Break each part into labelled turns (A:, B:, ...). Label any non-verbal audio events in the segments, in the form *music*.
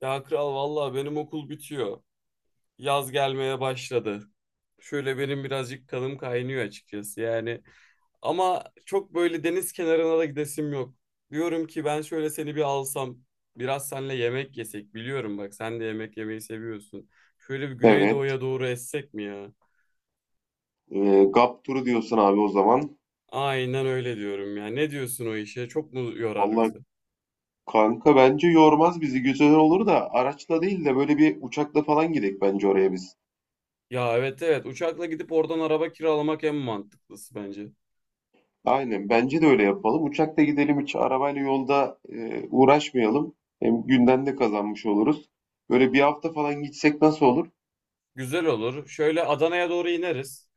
A: Ya kral vallahi benim okul bitiyor. Yaz gelmeye başladı. Şöyle benim birazcık kanım kaynıyor açıkçası yani. Ama çok böyle deniz kenarına da gidesim yok. Diyorum ki ben şöyle seni bir alsam, biraz seninle yemek yesek. Biliyorum bak sen de yemek yemeyi seviyorsun. Şöyle bir
B: Evet.
A: Güneydoğu'ya doğru essek mi ya?
B: GAP turu diyorsun abi o zaman.
A: Aynen öyle diyorum ya. Ne diyorsun o işe? Çok mu yorar
B: Vallahi
A: bizi?
B: kanka bence yormaz bizi. Güzel olur da araçla değil de böyle bir uçakla falan gidelim bence oraya biz.
A: Ya evet evet uçakla gidip oradan araba kiralamak en mantıklısı bence.
B: Aynen bence de öyle yapalım. Uçakla gidelim hiç arabayla yolda uğraşmayalım. Hem günden de kazanmış oluruz. Böyle bir hafta falan gitsek nasıl olur?
A: Güzel olur. Şöyle Adana'ya doğru ineriz.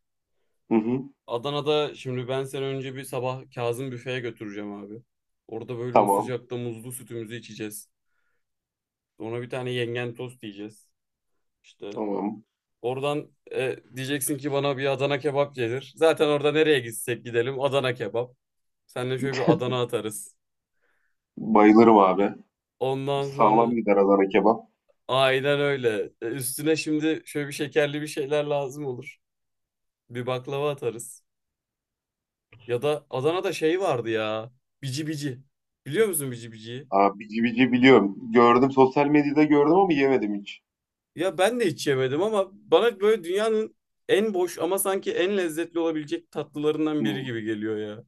B: Hı hı.
A: Adana'da şimdi ben seni önce bir sabah Kazım büfeye götüreceğim abi. Orada böyle o
B: Tamam.
A: sıcakta muzlu sütümüzü içeceğiz. Sonra bir tane yengen tost yiyeceğiz. İşte
B: Tamam.
A: oradan diyeceksin ki bana bir Adana kebap gelir. Zaten orada nereye gitsek gidelim Adana kebap. Seninle şöyle bir Adana
B: *laughs*
A: atarız.
B: Bayılırım abi.
A: Ondan
B: Sağlam
A: sonra
B: gider Adana kebap.
A: aynen öyle. Üstüne şimdi şöyle bir şekerli bir şeyler lazım olur. Bir baklava atarız. Ya da Adana'da şey vardı ya. Bici bici. Biliyor musun bici biciyi?
B: Abi bici bici biliyorum. Gördüm sosyal medyada gördüm ama yemedim hiç.
A: Ya ben de hiç yemedim ama bana böyle dünyanın en boş ama sanki en lezzetli olabilecek tatlılarından
B: Hı.
A: biri gibi geliyor ya.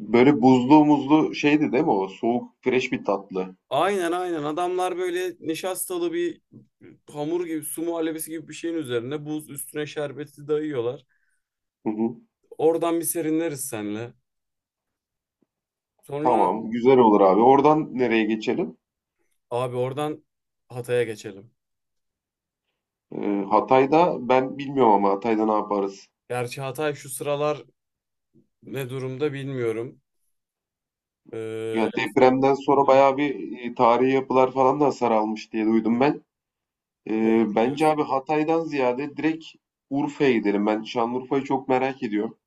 B: Böyle buzlu muzlu şeydi değil mi o? Soğuk, fresh bir tatlı.
A: Aynen aynen adamlar böyle nişastalı bir hamur gibi su muhallebisi gibi bir şeyin üzerine buz üstüne şerbeti dayıyorlar.
B: Hı hı.
A: Oradan bir serinleriz senle. Sonra
B: Tamam, güzel olur abi. Oradan nereye geçelim?
A: abi oradan Hatay'a geçelim.
B: Hatay'da ben bilmiyorum ama Hatay'da ne yaparız?
A: Gerçi Hatay şu sıralar ne durumda bilmiyorum.
B: Ya
A: En son
B: depremden sonra
A: günde
B: bayağı bir tarihi yapılar falan da hasar almış diye duydum ben. Ee,
A: doğru
B: bence abi
A: diyorsun.
B: Hatay'dan ziyade direkt Urfa'ya gidelim. Ben Şanlıurfa'yı çok merak ediyorum.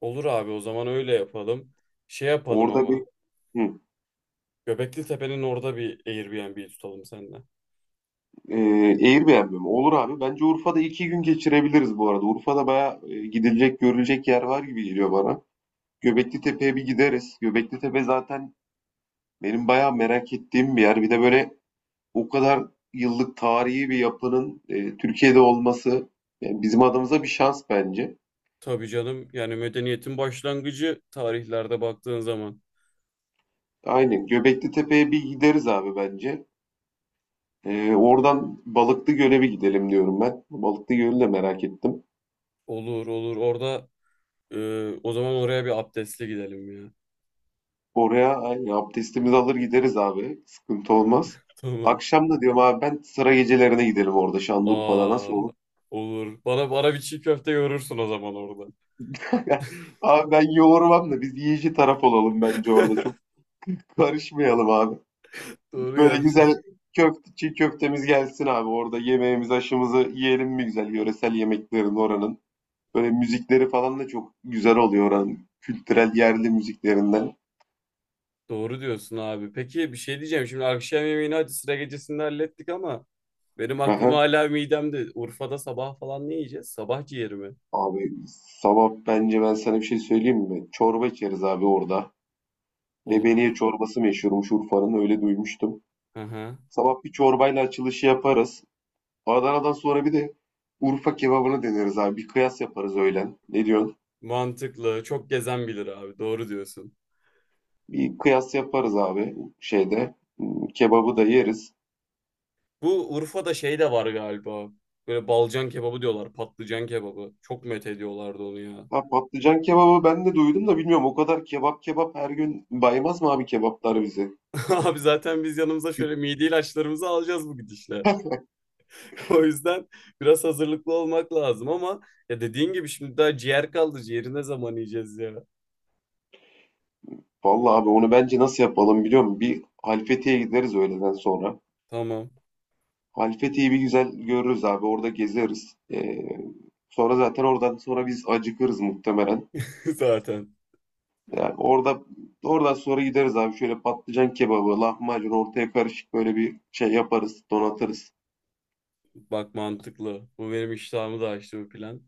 A: Olur abi o zaman öyle yapalım. Şey yapalım
B: Orada
A: ama.
B: bir hı,
A: Göbekli Tepe'nin orada bir Airbnb tutalım seninle.
B: e, Airbnb mi? Olur abi. Bence Urfa'da iki gün geçirebiliriz bu arada. Urfa'da bayağı gidilecek, görülecek yer var gibi geliyor bana. Göbeklitepe'ye bir gideriz. Göbeklitepe zaten benim bayağı merak ettiğim bir yer. Bir de böyle o kadar yıllık tarihi bir yapının Türkiye'de olması yani bizim adımıza bir şans bence.
A: Tabii canım. Yani medeniyetin başlangıcı tarihlerde baktığın zaman.
B: Aynen Göbeklitepe'ye bir gideriz abi bence. Oradan Balıklıgöl'e bir gidelim diyorum ben. Balıklıgöl'ü de merak ettim.
A: Olur olur. Orada o zaman oraya bir abdestli gidelim ya.
B: Oraya aynen, abdestimizi alır gideriz abi. Sıkıntı olmaz.
A: *laughs* Tamam.
B: Akşam da diyorum abi ben sıra gecelerine gidelim orada Şanlıurfa'da
A: Aa,
B: nasıl olur?
A: olur. Bana bir çiğ köfte yorursun o zaman orada.
B: *laughs* Abi ben yoğurmam da biz yiyici taraf olalım bence orada.
A: *laughs*
B: Çok karışmayalım abi.
A: Doğru
B: Böyle
A: gerçi.
B: güzel köfte, çiğ köftemiz gelsin abi orada. Yemeğimizi, aşımızı yiyelim mi güzel yöresel yemeklerin oranın. Böyle müzikleri falan da çok güzel oluyor oranın. Kültürel yerli müziklerinden.
A: Doğru diyorsun abi. Peki bir şey diyeceğim. Şimdi akşam yemeğini hadi sıra gecesinde hallettik ama benim aklım
B: Aha.
A: hala midemde. Urfa'da sabah falan ne yiyeceğiz? Sabah ciğeri mi?
B: Abi sabah bence ben sana bir şey söyleyeyim mi? Çorba içeriz abi orada.
A: Olur.
B: Lebeniye çorbası meşhurmuş Urfa'nın öyle duymuştum.
A: Hı hı.
B: Sabah bir çorbayla açılışı yaparız. Adana'dan sonra bir de Urfa kebabını deneriz abi. Bir kıyas yaparız öğlen. Ne diyorsun?
A: Mantıklı. Çok gezen bilir abi. Doğru diyorsun.
B: Bir kıyas yaparız abi şeyde. Kebabı da yeriz.
A: Bu Urfa'da şey de var galiba. Böyle balcan kebabı diyorlar. Patlıcan kebabı. Çok met ediyorlardı onu ya.
B: Ha patlıcan kebabı ben de duydum da bilmiyorum. O kadar kebap kebap her gün baymaz mı abi kebaplar bizi?
A: *laughs* Abi zaten biz yanımıza şöyle mide ilaçlarımızı alacağız bu gidişle. *laughs* O yüzden biraz hazırlıklı olmak lazım ama ya dediğin gibi şimdi daha ciğer kaldı. Ciğeri ne zaman yiyeceğiz ya?
B: Vallahi abi onu bence nasıl yapalım biliyor musun? Bir Halfeti'ye gideriz öğleden sonra.
A: Tamam.
B: Halfeti'yi bir güzel görürüz abi. Orada gezeriz. Sonra zaten oradan sonra biz acıkırız muhtemelen.
A: *laughs* Zaten.
B: Yani orada oradan sonra gideriz abi. Şöyle patlıcan kebabı, lahmacun ortaya karışık böyle bir şey yaparız, donatırız.
A: Bak mantıklı. Bu benim iştahımı da açtı bu plan.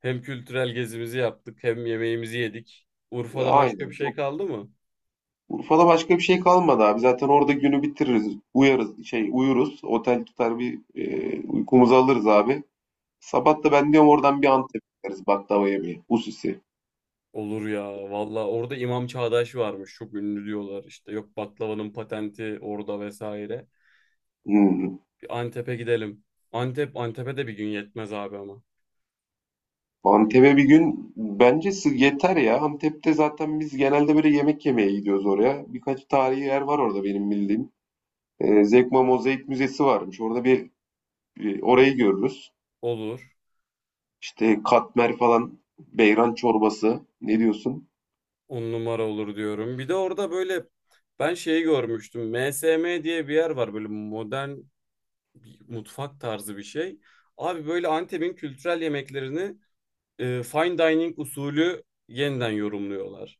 A: Hem kültürel gezimizi yaptık hem yemeğimizi yedik.
B: E,
A: Urfa'da başka
B: Aynen.
A: bir şey
B: Çok
A: kaldı mı?
B: Urfa'da başka bir şey kalmadı abi. Zaten orada günü bitiririz. Uyarız, şey uyuruz. Otel tutar bir uykumuzu alırız abi. Sabah da ben diyorum oradan bir Antep'e gideriz baklava yemeye. Hususi.
A: Olur ya valla orada İmam Çağdaş varmış çok ünlü diyorlar işte yok baklavanın patenti orada vesaire.
B: Hmm.
A: Bir Antep'e gidelim. Antep Antep'e de bir gün yetmez abi ama.
B: Antep'e bir gün bence yeter ya. Antep'te zaten biz genelde böyle yemek yemeye gidiyoruz oraya. Birkaç tarihi yer var orada benim bildiğim. Zekma Mozaik Müzesi varmış. Orada bir orayı görürüz.
A: Olur.
B: İşte katmer falan, beyran çorbası. Ne diyorsun?
A: On numara olur diyorum. Bir de orada böyle ben şeyi görmüştüm. MSM diye bir yer var böyle modern bir mutfak tarzı bir şey. Abi böyle Antep'in kültürel yemeklerini fine dining usulü yeniden yorumluyorlar.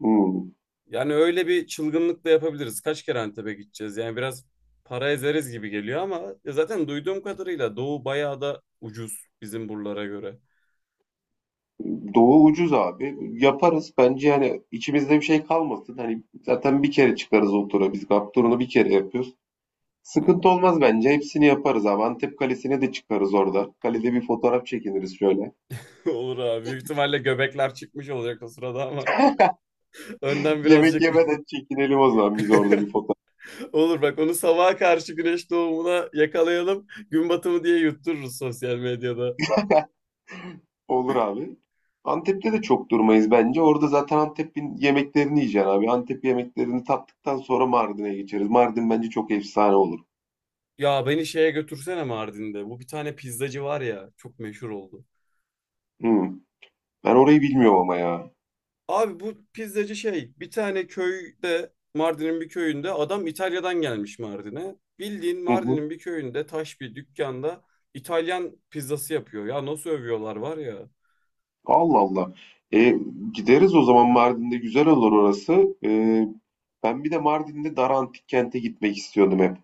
B: Hmm.
A: Yani öyle bir çılgınlık da yapabiliriz. Kaç kere Antep'e gideceğiz? Yani biraz para ezeriz gibi geliyor ama ya zaten duyduğum kadarıyla Doğu bayağı da ucuz bizim buralara göre.
B: Doğu ucuz abi. Yaparız. Bence yani içimizde bir şey kalmasın. Hani zaten bir kere çıkarız o tura. Biz GAP turunu bir kere yapıyoruz. Sıkıntı olmaz bence. Hepsini yaparız abi. Antep Kalesi'ne de çıkarız orada. Kalede bir fotoğraf çekiniriz şöyle.
A: *laughs* Olur abi. Büyük ihtimalle göbekler çıkmış olacak o sırada ama *laughs*
B: *laughs*
A: önden
B: Yemek
A: birazcık
B: yemeden çekinelim o zaman biz
A: *laughs*
B: orada bir fotoğraf.
A: olur bak onu sabaha karşı güneş doğumuna yakalayalım. Gün batımı diye yuttururuz sosyal medyada.
B: Olur abi. Antep'te de çok durmayız bence. Orada zaten Antep'in yemeklerini yiyeceksin abi. Antep yemeklerini tattıktan sonra Mardin'e geçeriz. Mardin bence çok efsane olur.
A: Ya beni şeye götürsene Mardin'de. Bu bir tane pizzacı var ya çok meşhur oldu.
B: Hı. Ben orayı bilmiyorum ama ya.
A: Abi bu pizzacı şey bir tane köyde Mardin'in bir köyünde adam İtalya'dan gelmiş Mardin'e. Bildiğin
B: Hı hı.
A: Mardin'in bir köyünde taş bir dükkanda İtalyan pizzası yapıyor. Ya nasıl övüyorlar var ya.
B: Allah Allah. E, gideriz o zaman Mardin'de güzel olur orası. Ben bir de Mardin'de Dara Antik Kent'e gitmek istiyordum hep.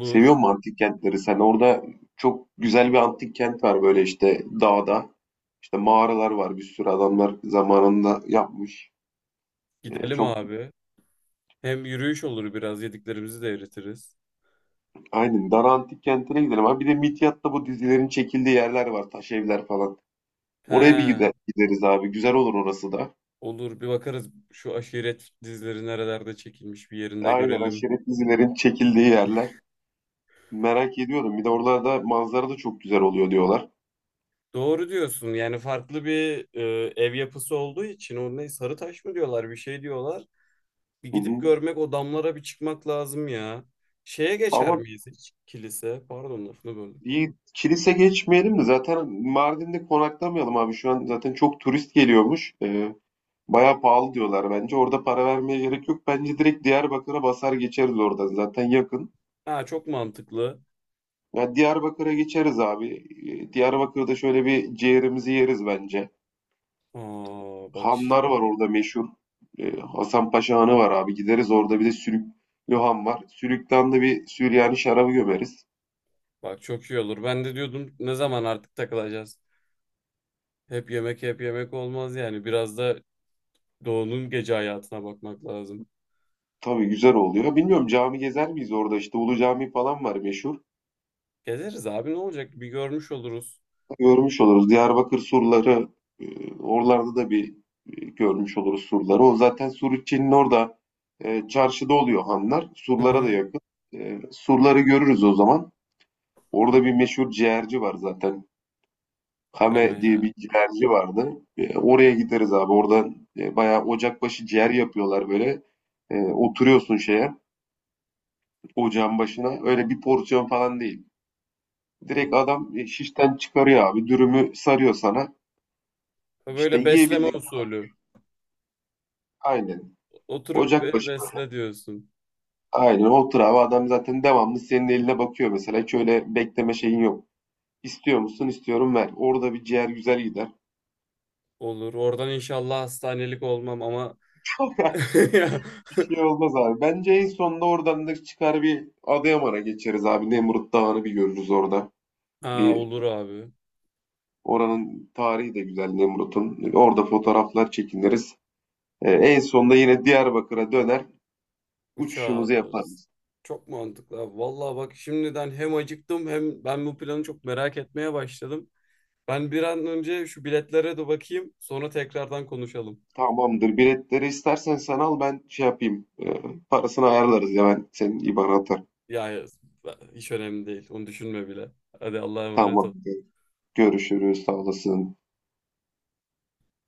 B: Seviyor musun antik kentleri sen? Orada çok güzel bir antik kent var böyle işte dağda. İşte mağaralar var. Bir sürü adamlar zamanında yapmış. E,
A: Gidelim
B: çok
A: abi. Hem yürüyüş olur biraz yediklerimizi de eritiriz.
B: Aynen. Dara Antik Kenti'ne gidelim abi. Bir de Midyat'ta bu dizilerin çekildiği yerler var. Taş evler falan. Oraya bir
A: He
B: gideriz abi. Güzel olur orası da.
A: olur bir bakarız şu aşiret dizileri nerelerde çekilmiş bir yerinde
B: Aynen
A: görelim.
B: aşiret dizilerin çekildiği yerler. Merak ediyordum. Bir de oralarda manzara da çok güzel oluyor diyorlar.
A: Doğru diyorsun yani farklı bir ev yapısı olduğu için o ne sarı taş mı diyorlar bir şey diyorlar. Bir
B: Hı
A: gidip
B: hı.
A: görmek, o damlara bir çıkmak lazım ya. Şeye geçer
B: Ama
A: miyiz hiç? Kilise. Pardon lafını böldüm.
B: bir kilise geçmeyelim de zaten Mardin'de konaklamayalım abi. Şu an zaten çok turist geliyormuş. Bayağı pahalı diyorlar bence. Orada para vermeye gerek yok. Bence direkt Diyarbakır'a basar geçeriz oradan. Zaten yakın.
A: Ha çok mantıklı.
B: Ya Diyarbakır'a geçeriz abi. Diyarbakır'da şöyle bir ciğerimizi yeriz bence.
A: Aa bak
B: Hanlar
A: işte.
B: var orada meşhur. Hasan Paşa Hanı var abi. Gideriz orada bir de Sülüklü Han var. Sülük'ten de bir Süryani şarabı gömeriz.
A: Bak çok iyi olur. Ben de diyordum ne zaman artık takılacağız? Hep yemek hep yemek olmaz yani. Biraz da doğunun gece hayatına bakmak lazım.
B: Tabii güzel oluyor. Bilmiyorum cami gezer miyiz orada? İşte Ulu Cami falan var meşhur.
A: Gezeriz abi ne olacak? Bir görmüş oluruz.
B: Görmüş oluruz. Diyarbakır surları oralarda da bir görmüş oluruz surları. O zaten Suriçi'nin orada çarşıda oluyor hanlar.
A: Hı
B: Surlara da
A: hı.
B: yakın. Surları görürüz o zaman. Orada bir meşhur ciğerci var zaten.
A: Deme
B: Kame diye
A: ya.
B: bir ciğerci vardı. Oraya gideriz abi. Orada bayağı ocakbaşı ciğer yapıyorlar böyle. Oturuyorsun şeye, ocağın başına. Öyle bir porsiyon falan değil. Direkt adam şişten çıkarıyor abi. Dürümü sarıyor sana. İşte
A: Böyle besleme
B: yiyebildik.
A: usulü.
B: Aynen.
A: Oturup
B: Ocak
A: beni
B: Ocakbaşı.
A: besle diyorsun.
B: Aynen. Otur abi. Adam zaten devamlı senin eline bakıyor mesela. Hiç öyle bekleme şeyin yok. İstiyor musun? İstiyorum ver. Orada bir ciğer güzel gider.
A: Olur. Oradan inşallah hastanelik olmam ama *laughs*
B: *laughs*
A: ya,
B: Bir şey olmaz abi. Bence en sonunda oradan da çıkar bir Adıyaman'a geçeriz abi. Nemrut Dağı'nı bir görürüz orada.
A: Aa,
B: Bir
A: olur abi.
B: oranın tarihi de güzel Nemrut'un. Orada fotoğraflar çekiniriz. En sonunda yine Diyarbakır'a döner.
A: Uçağa
B: Uçuşumuzu
A: atlarız.
B: yaparız.
A: Çok mantıklı abi. Vallahi bak şimdiden hem acıktım hem ben bu planı çok merak etmeye başladım. Ben bir an önce şu biletlere de bakayım. Sonra tekrardan konuşalım.
B: Tamamdır. Biletleri istersen sen al ben şey yapayım. Parasını ayarlarız ya ben senin IBAN'a atarım.
A: Ya ya, hiç önemli değil. Onu düşünme bile. Hadi Allah'a emanet ol.
B: Tamamdır. Görüşürüz. Sağ olasın.